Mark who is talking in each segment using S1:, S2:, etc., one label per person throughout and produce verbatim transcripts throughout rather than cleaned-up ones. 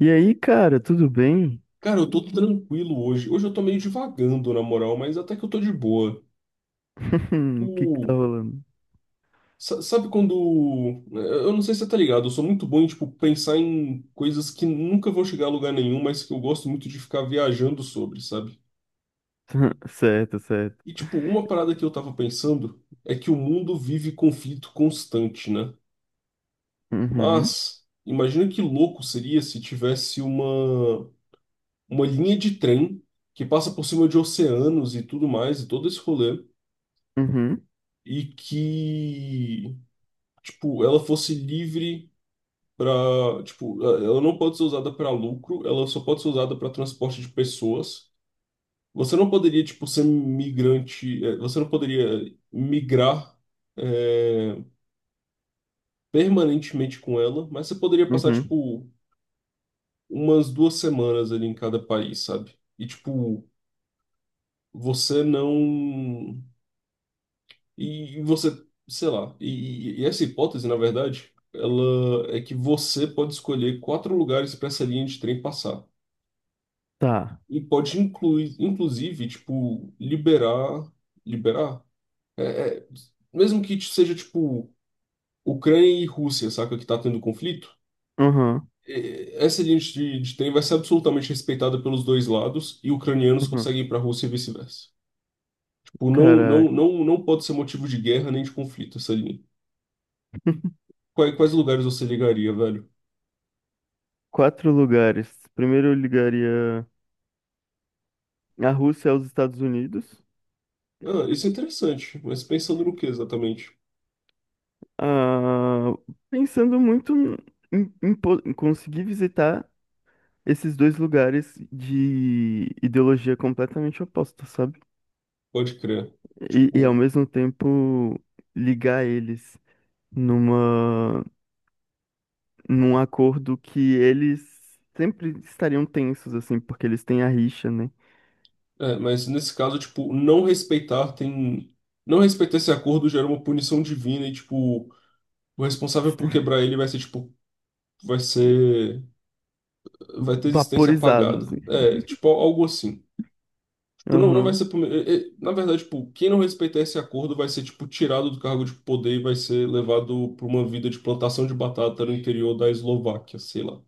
S1: E aí, cara, tudo bem?
S2: Cara, eu tô tranquilo hoje. Hoje eu tô meio divagando, na moral, mas até que eu tô de boa.
S1: O que que
S2: O...
S1: tá rolando?
S2: sa- Sabe quando, né? Eu não sei se você tá ligado, eu sou muito bom em, tipo, pensar em coisas que nunca vão chegar a lugar nenhum, mas que eu gosto muito de ficar viajando sobre, sabe?
S1: Certo, certo.
S2: E, tipo, uma parada que eu tava pensando é que o mundo vive conflito constante, né?
S1: Uhum,
S2: Mas imagina que louco seria se tivesse uma, uma linha de trem que passa por cima de oceanos e tudo mais, e todo esse rolê,
S1: uhum,
S2: e que, tipo, ela fosse livre para, tipo, ela não pode ser usada para lucro, ela só pode ser usada para transporte de pessoas. Você não poderia, tipo, ser migrante, eh, você não poderia migrar eh, permanentemente com ela, mas você poderia passar,
S1: uhum.
S2: tipo, umas duas semanas ali em cada país, sabe? E, tipo, você não. E você, sei lá, e, e essa hipótese, na verdade, ela é que você pode escolher quatro lugares para essa linha de trem passar.
S1: Tá.
S2: E pode incluir, inclusive, tipo, liberar, liberar, mesmo que seja, tipo, Ucrânia e Rússia, saca, que tá tendo conflito,
S1: Uhum,
S2: eh, essa linha de, de trem vai ser absolutamente respeitada pelos dois lados e ucranianos
S1: uhum.
S2: conseguem ir para a Rússia e vice-versa. Tipo, não,
S1: Cara,
S2: não, não, não pode ser motivo de guerra nem de conflito essa linha. Quais, quais lugares você ligaria, velho?
S1: quatro lugares. Primeiro eu ligaria a Rússia aos Estados Unidos.
S2: Ah, isso é interessante, mas pensando no que exatamente?
S1: Ah, pensando muito em, em po- em conseguir visitar esses dois lugares de ideologia completamente oposta, sabe?
S2: Pode crer.
S1: E, e ao
S2: O-
S1: mesmo tempo ligar eles numa num acordo que eles sempre estariam tensos, assim, porque eles têm a rixa, né?
S2: É, mas nesse caso, tipo, não respeitar tem. Não respeitar esse acordo gera uma punição divina e, tipo, o responsável por quebrar ele vai ser, tipo, vai ser. Vai ter existência
S1: Vaporizados,
S2: apagada.
S1: assim.
S2: É, tipo, algo assim. Tipo, não, não vai
S1: Aham,
S2: ser. puni- é, é, Na verdade, tipo, quem não respeitar esse acordo vai ser, tipo, tirado do cargo de poder e vai ser levado para uma vida de plantação de batata no interior da Eslováquia, sei lá.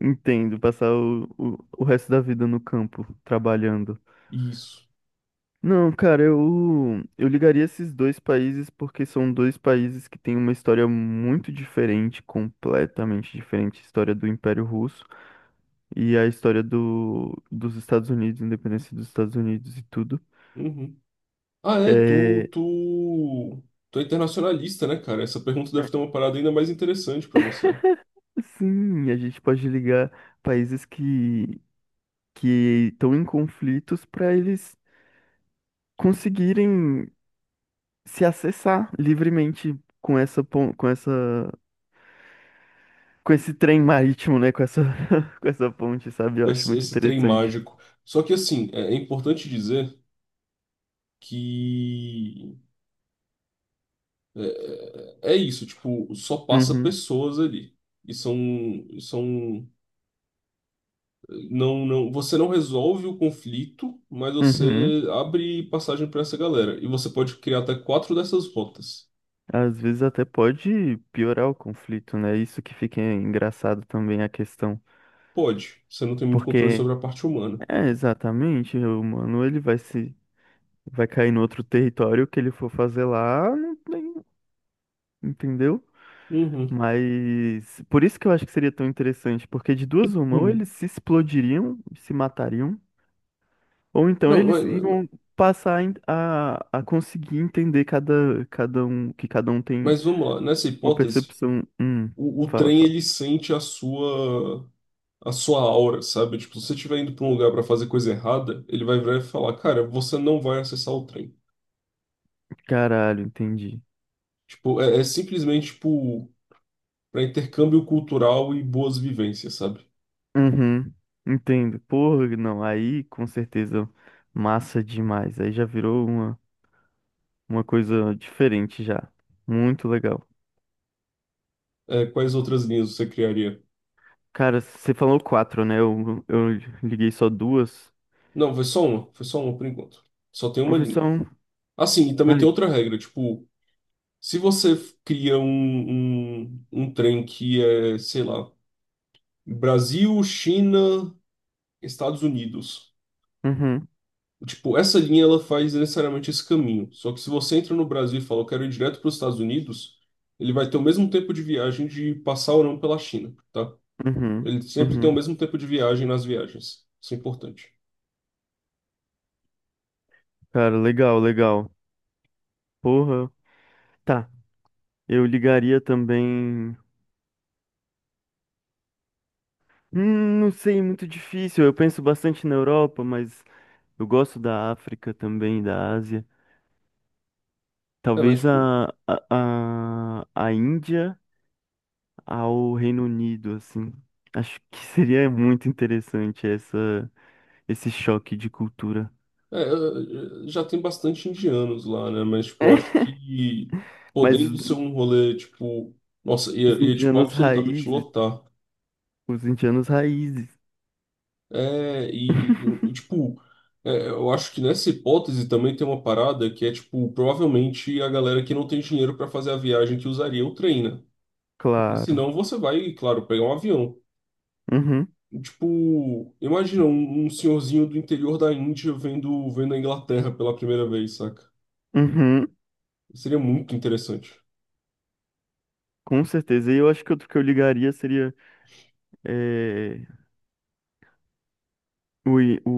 S1: entendo, passar o, o, o resto da vida no campo, trabalhando.
S2: Isso.
S1: Não, cara, eu, eu ligaria esses dois países porque são dois países que têm uma história muito diferente, completamente diferente, a história do Império Russo e a história do, dos Estados Unidos, independência dos Estados Unidos e tudo.
S2: Uhum. Ah, é, tu,
S1: É,
S2: tu, tu é internacionalista, né, cara? Essa pergunta deve ter uma parada ainda mais interessante pra você.
S1: sim, a gente pode ligar países que que estão em conflitos para eles conseguirem se acessar livremente com essa pon- com essa com esse trem marítimo, né? Com essa com essa ponte, sabe? Eu
S2: Com
S1: acho
S2: esse,
S1: muito
S2: esse trem
S1: interessante.
S2: mágico. Só que, assim, é, é importante dizer que é, é isso, tipo, só passa
S1: Uhum,
S2: pessoas ali. E são, são Não, não, você não resolve o conflito, mas
S1: uhum.
S2: você abre passagem para essa galera. E você pode criar até quatro dessas rotas.
S1: Às vezes até pode piorar o conflito, né? Isso que fica engraçado também a questão,
S2: Pode. Você não tem muito controle
S1: porque
S2: sobre a parte humana.
S1: é exatamente o humano ele vai se vai cair no outro território o que ele for fazer lá, não tem, entendeu?
S2: Uhum.
S1: Mas por isso que eu acho que seria tão interessante, porque de duas uma, ou
S2: Uhum.
S1: eles se explodiriam, se matariam, ou então
S2: Não,
S1: eles
S2: mas,
S1: iam passar a, a a conseguir entender cada, cada um, que cada um tem
S2: mas vamos lá. Nessa
S1: uma
S2: hipótese,
S1: percepção. Hum,
S2: o, o
S1: fala,
S2: trem
S1: fala.
S2: ele sente a sua a sua aura, sabe? Tipo, se você estiver indo para um lugar para fazer coisa errada, ele vai virar e falar, cara, você não vai acessar o trem.
S1: Caralho, entendi.
S2: Tipo, é, é simplesmente tipo para intercâmbio cultural e boas vivências, sabe?
S1: Uhum, entendo. Porra, não, aí com certeza massa demais. Aí já virou uma, uma coisa diferente já. Muito legal.
S2: É, quais outras linhas você criaria?
S1: Cara, você falou quatro, né? Eu, eu liguei só duas.
S2: Não, foi só uma, foi só uma por enquanto. Só tem
S1: Foi
S2: uma linha.
S1: profissão.
S2: Assim, e também tem
S1: Ai.
S2: outra regra, tipo, se você f- cria um, um, um trem que é, sei lá, Brasil, China, Estados Unidos.
S1: Uhum,
S2: Tipo, essa linha ela faz necessariamente esse caminho. Só que se você entra no Brasil e fala, eu quero ir direto para os Estados Unidos, ele vai ter o mesmo tempo de viagem de passar ou não pela China, tá?
S1: uhum,
S2: Ele sempre tem o
S1: uhum.
S2: mesmo tempo de viagem nas viagens. Isso é importante.
S1: Cara, legal, legal. Porra. Tá, eu ligaria também. Hum, não sei, muito difícil. Eu penso bastante na Europa, mas eu gosto da África também, da Ásia.
S2: É, mas,
S1: Talvez
S2: tipo,
S1: a, a, a, a Índia ao Reino Unido, assim. Acho que seria muito interessante essa, esse choque de cultura.
S2: é, é, é, já tem bastante indianos lá, né? Mas, tipo, eu acho que
S1: Mas
S2: podendo ser um rolê, tipo, nossa, ia,
S1: os
S2: ia tipo,
S1: indianos
S2: absolutamente
S1: raízes,
S2: lotar.
S1: os indianos raízes,
S2: É, e, e- e, tipo, é, eu acho que nessa hipótese também tem uma parada que é, tipo, provavelmente a galera que não tem dinheiro para fazer a viagem que usaria o trem, né? Porque
S1: claro.
S2: senão você vai, claro, pegar um avião.
S1: Uhum,
S2: E, tipo, imagina um, um senhorzinho do interior da Índia vendo, vendo a Inglaterra pela primeira vez, saca?
S1: uhum,
S2: Seria muito interessante.
S1: com certeza. E eu acho que outro que eu ligaria seria é, o, i- o...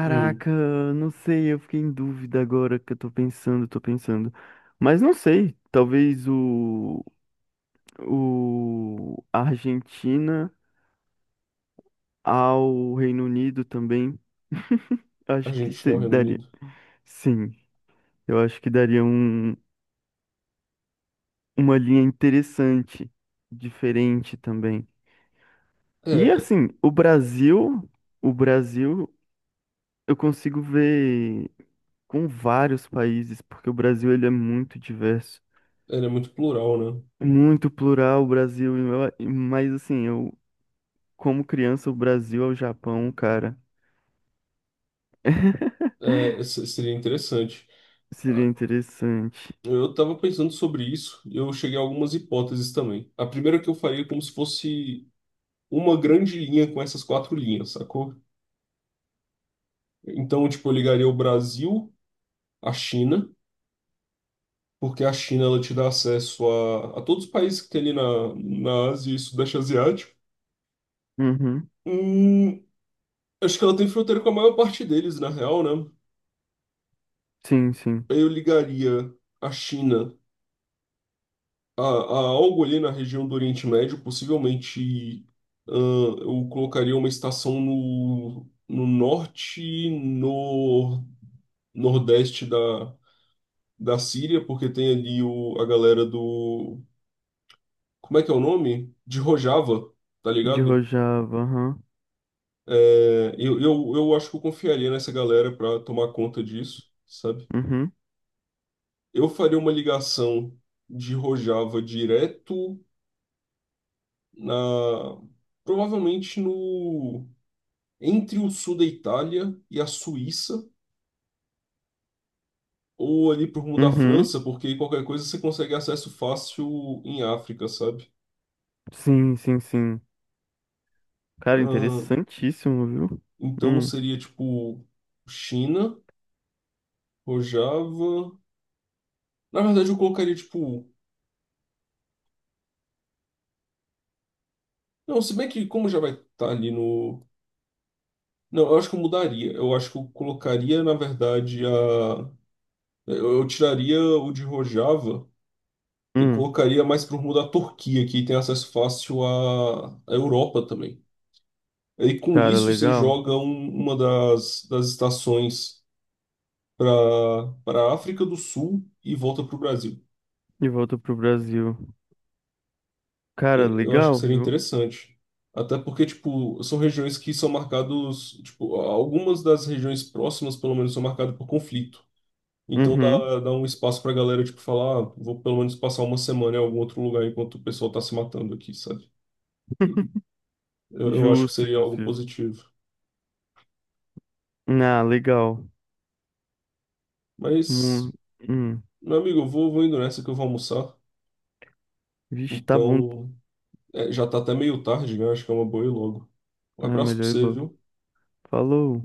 S2: Hum,
S1: não sei, eu fiquei em dúvida agora que eu tô pensando, tô pensando. Mas não sei, talvez o, o Argentina ao Reino Unido também.
S2: a
S1: Acho que
S2: gente não
S1: se-
S2: Reino
S1: daria.
S2: Unido.
S1: Sim, eu acho que daria um, uma linha interessante, diferente também.
S2: É,
S1: E
S2: é,
S1: assim, o Brasil, o Brasil, eu consigo ver com vários países, porque o Brasil ele é muito diverso,
S2: Ele é muito plural, né?
S1: muito plural o Brasil, e eu- a- e- mas assim, eu como criança o Brasil ao Japão, cara,
S2: É, se- seria interessante.
S1: seria interessante.
S2: Eu estava pensando sobre isso e eu cheguei a algumas hipóteses também. A primeira que eu faria é como se fosse uma grande linha com essas quatro linhas, sacou? Então, tipo, eu ligaria o Brasil à China, porque a China ela te dá acesso a, a todos os países que tem ali na, na Ásia e Sudeste Asiático.
S1: Uhum.
S2: Hum, Acho que ela tem fronteira com a maior parte deles, na real, né?
S1: Sim, sim.
S2: Eu ligaria a China A, a, algo ali na região do Oriente Médio, possivelmente, ahn, eu colocaria uma estação no, no norte, e no nordeste da, da Síria, porque tem ali o, a galera do. Como é que é o nome? De Rojava, tá
S1: De
S2: ligado?
S1: Rojava, aham.
S2: É, eu, eu, eu acho que eu confiaria nessa galera para tomar conta disso, sabe?
S1: Uhum.
S2: Eu faria uma ligação de Rojava direto na. Provavelmente no. Entre o sul da Itália e a Suíça, ou ali pro rumo da
S1: Uhum.
S2: França, porque aí qualquer coisa você consegue acesso fácil em África, sabe?
S1: Sim, sim, sim. Cara,
S2: Ah,
S1: interessantíssimo, viu?
S2: então
S1: Hum,
S2: seria tipo China, Rojava. Na verdade, eu colocaria tipo. Não, se bem que como já vai estar ali no. Não, eu acho que eu mudaria. Eu acho que eu colocaria, na verdade, a. Eu eu tiraria o de Rojava e
S1: hum.
S2: colocaria mais pro rumo da Turquia, que tem acesso fácil à à Europa também. E com
S1: Cara,
S2: isso você
S1: legal.
S2: joga um- uma das, das estações para para a África do Sul e volta para o Brasil.
S1: E volta pro Brasil. Cara,
S2: É, eu acho que
S1: legal,
S2: seria
S1: viu?
S2: interessante. Até porque, tipo, são regiões que são marcados, tipo, algumas das regiões próximas, pelo menos, são marcadas por conflito. Então
S1: Uhum.
S2: dá, dá um espaço pra galera, tipo, falar, ah, vou pelo menos passar uma semana em algum outro lugar enquanto o pessoal tá se matando aqui, sabe? Eu, eu acho que
S1: Justo,
S2: seria algo
S1: justo, justo.
S2: positivo.
S1: Ah, legal. Hum,
S2: Mas,
S1: hum.
S2: meu amigo, eu vou, vou indo nessa que eu vou almoçar.
S1: Vixe, tá bom.
S2: Então, é, já tá até meio tarde, né? Acho que é uma boa ir logo. Um
S1: É
S2: abraço pra
S1: melhor ir
S2: você,
S1: logo.
S2: viu?
S1: Falou.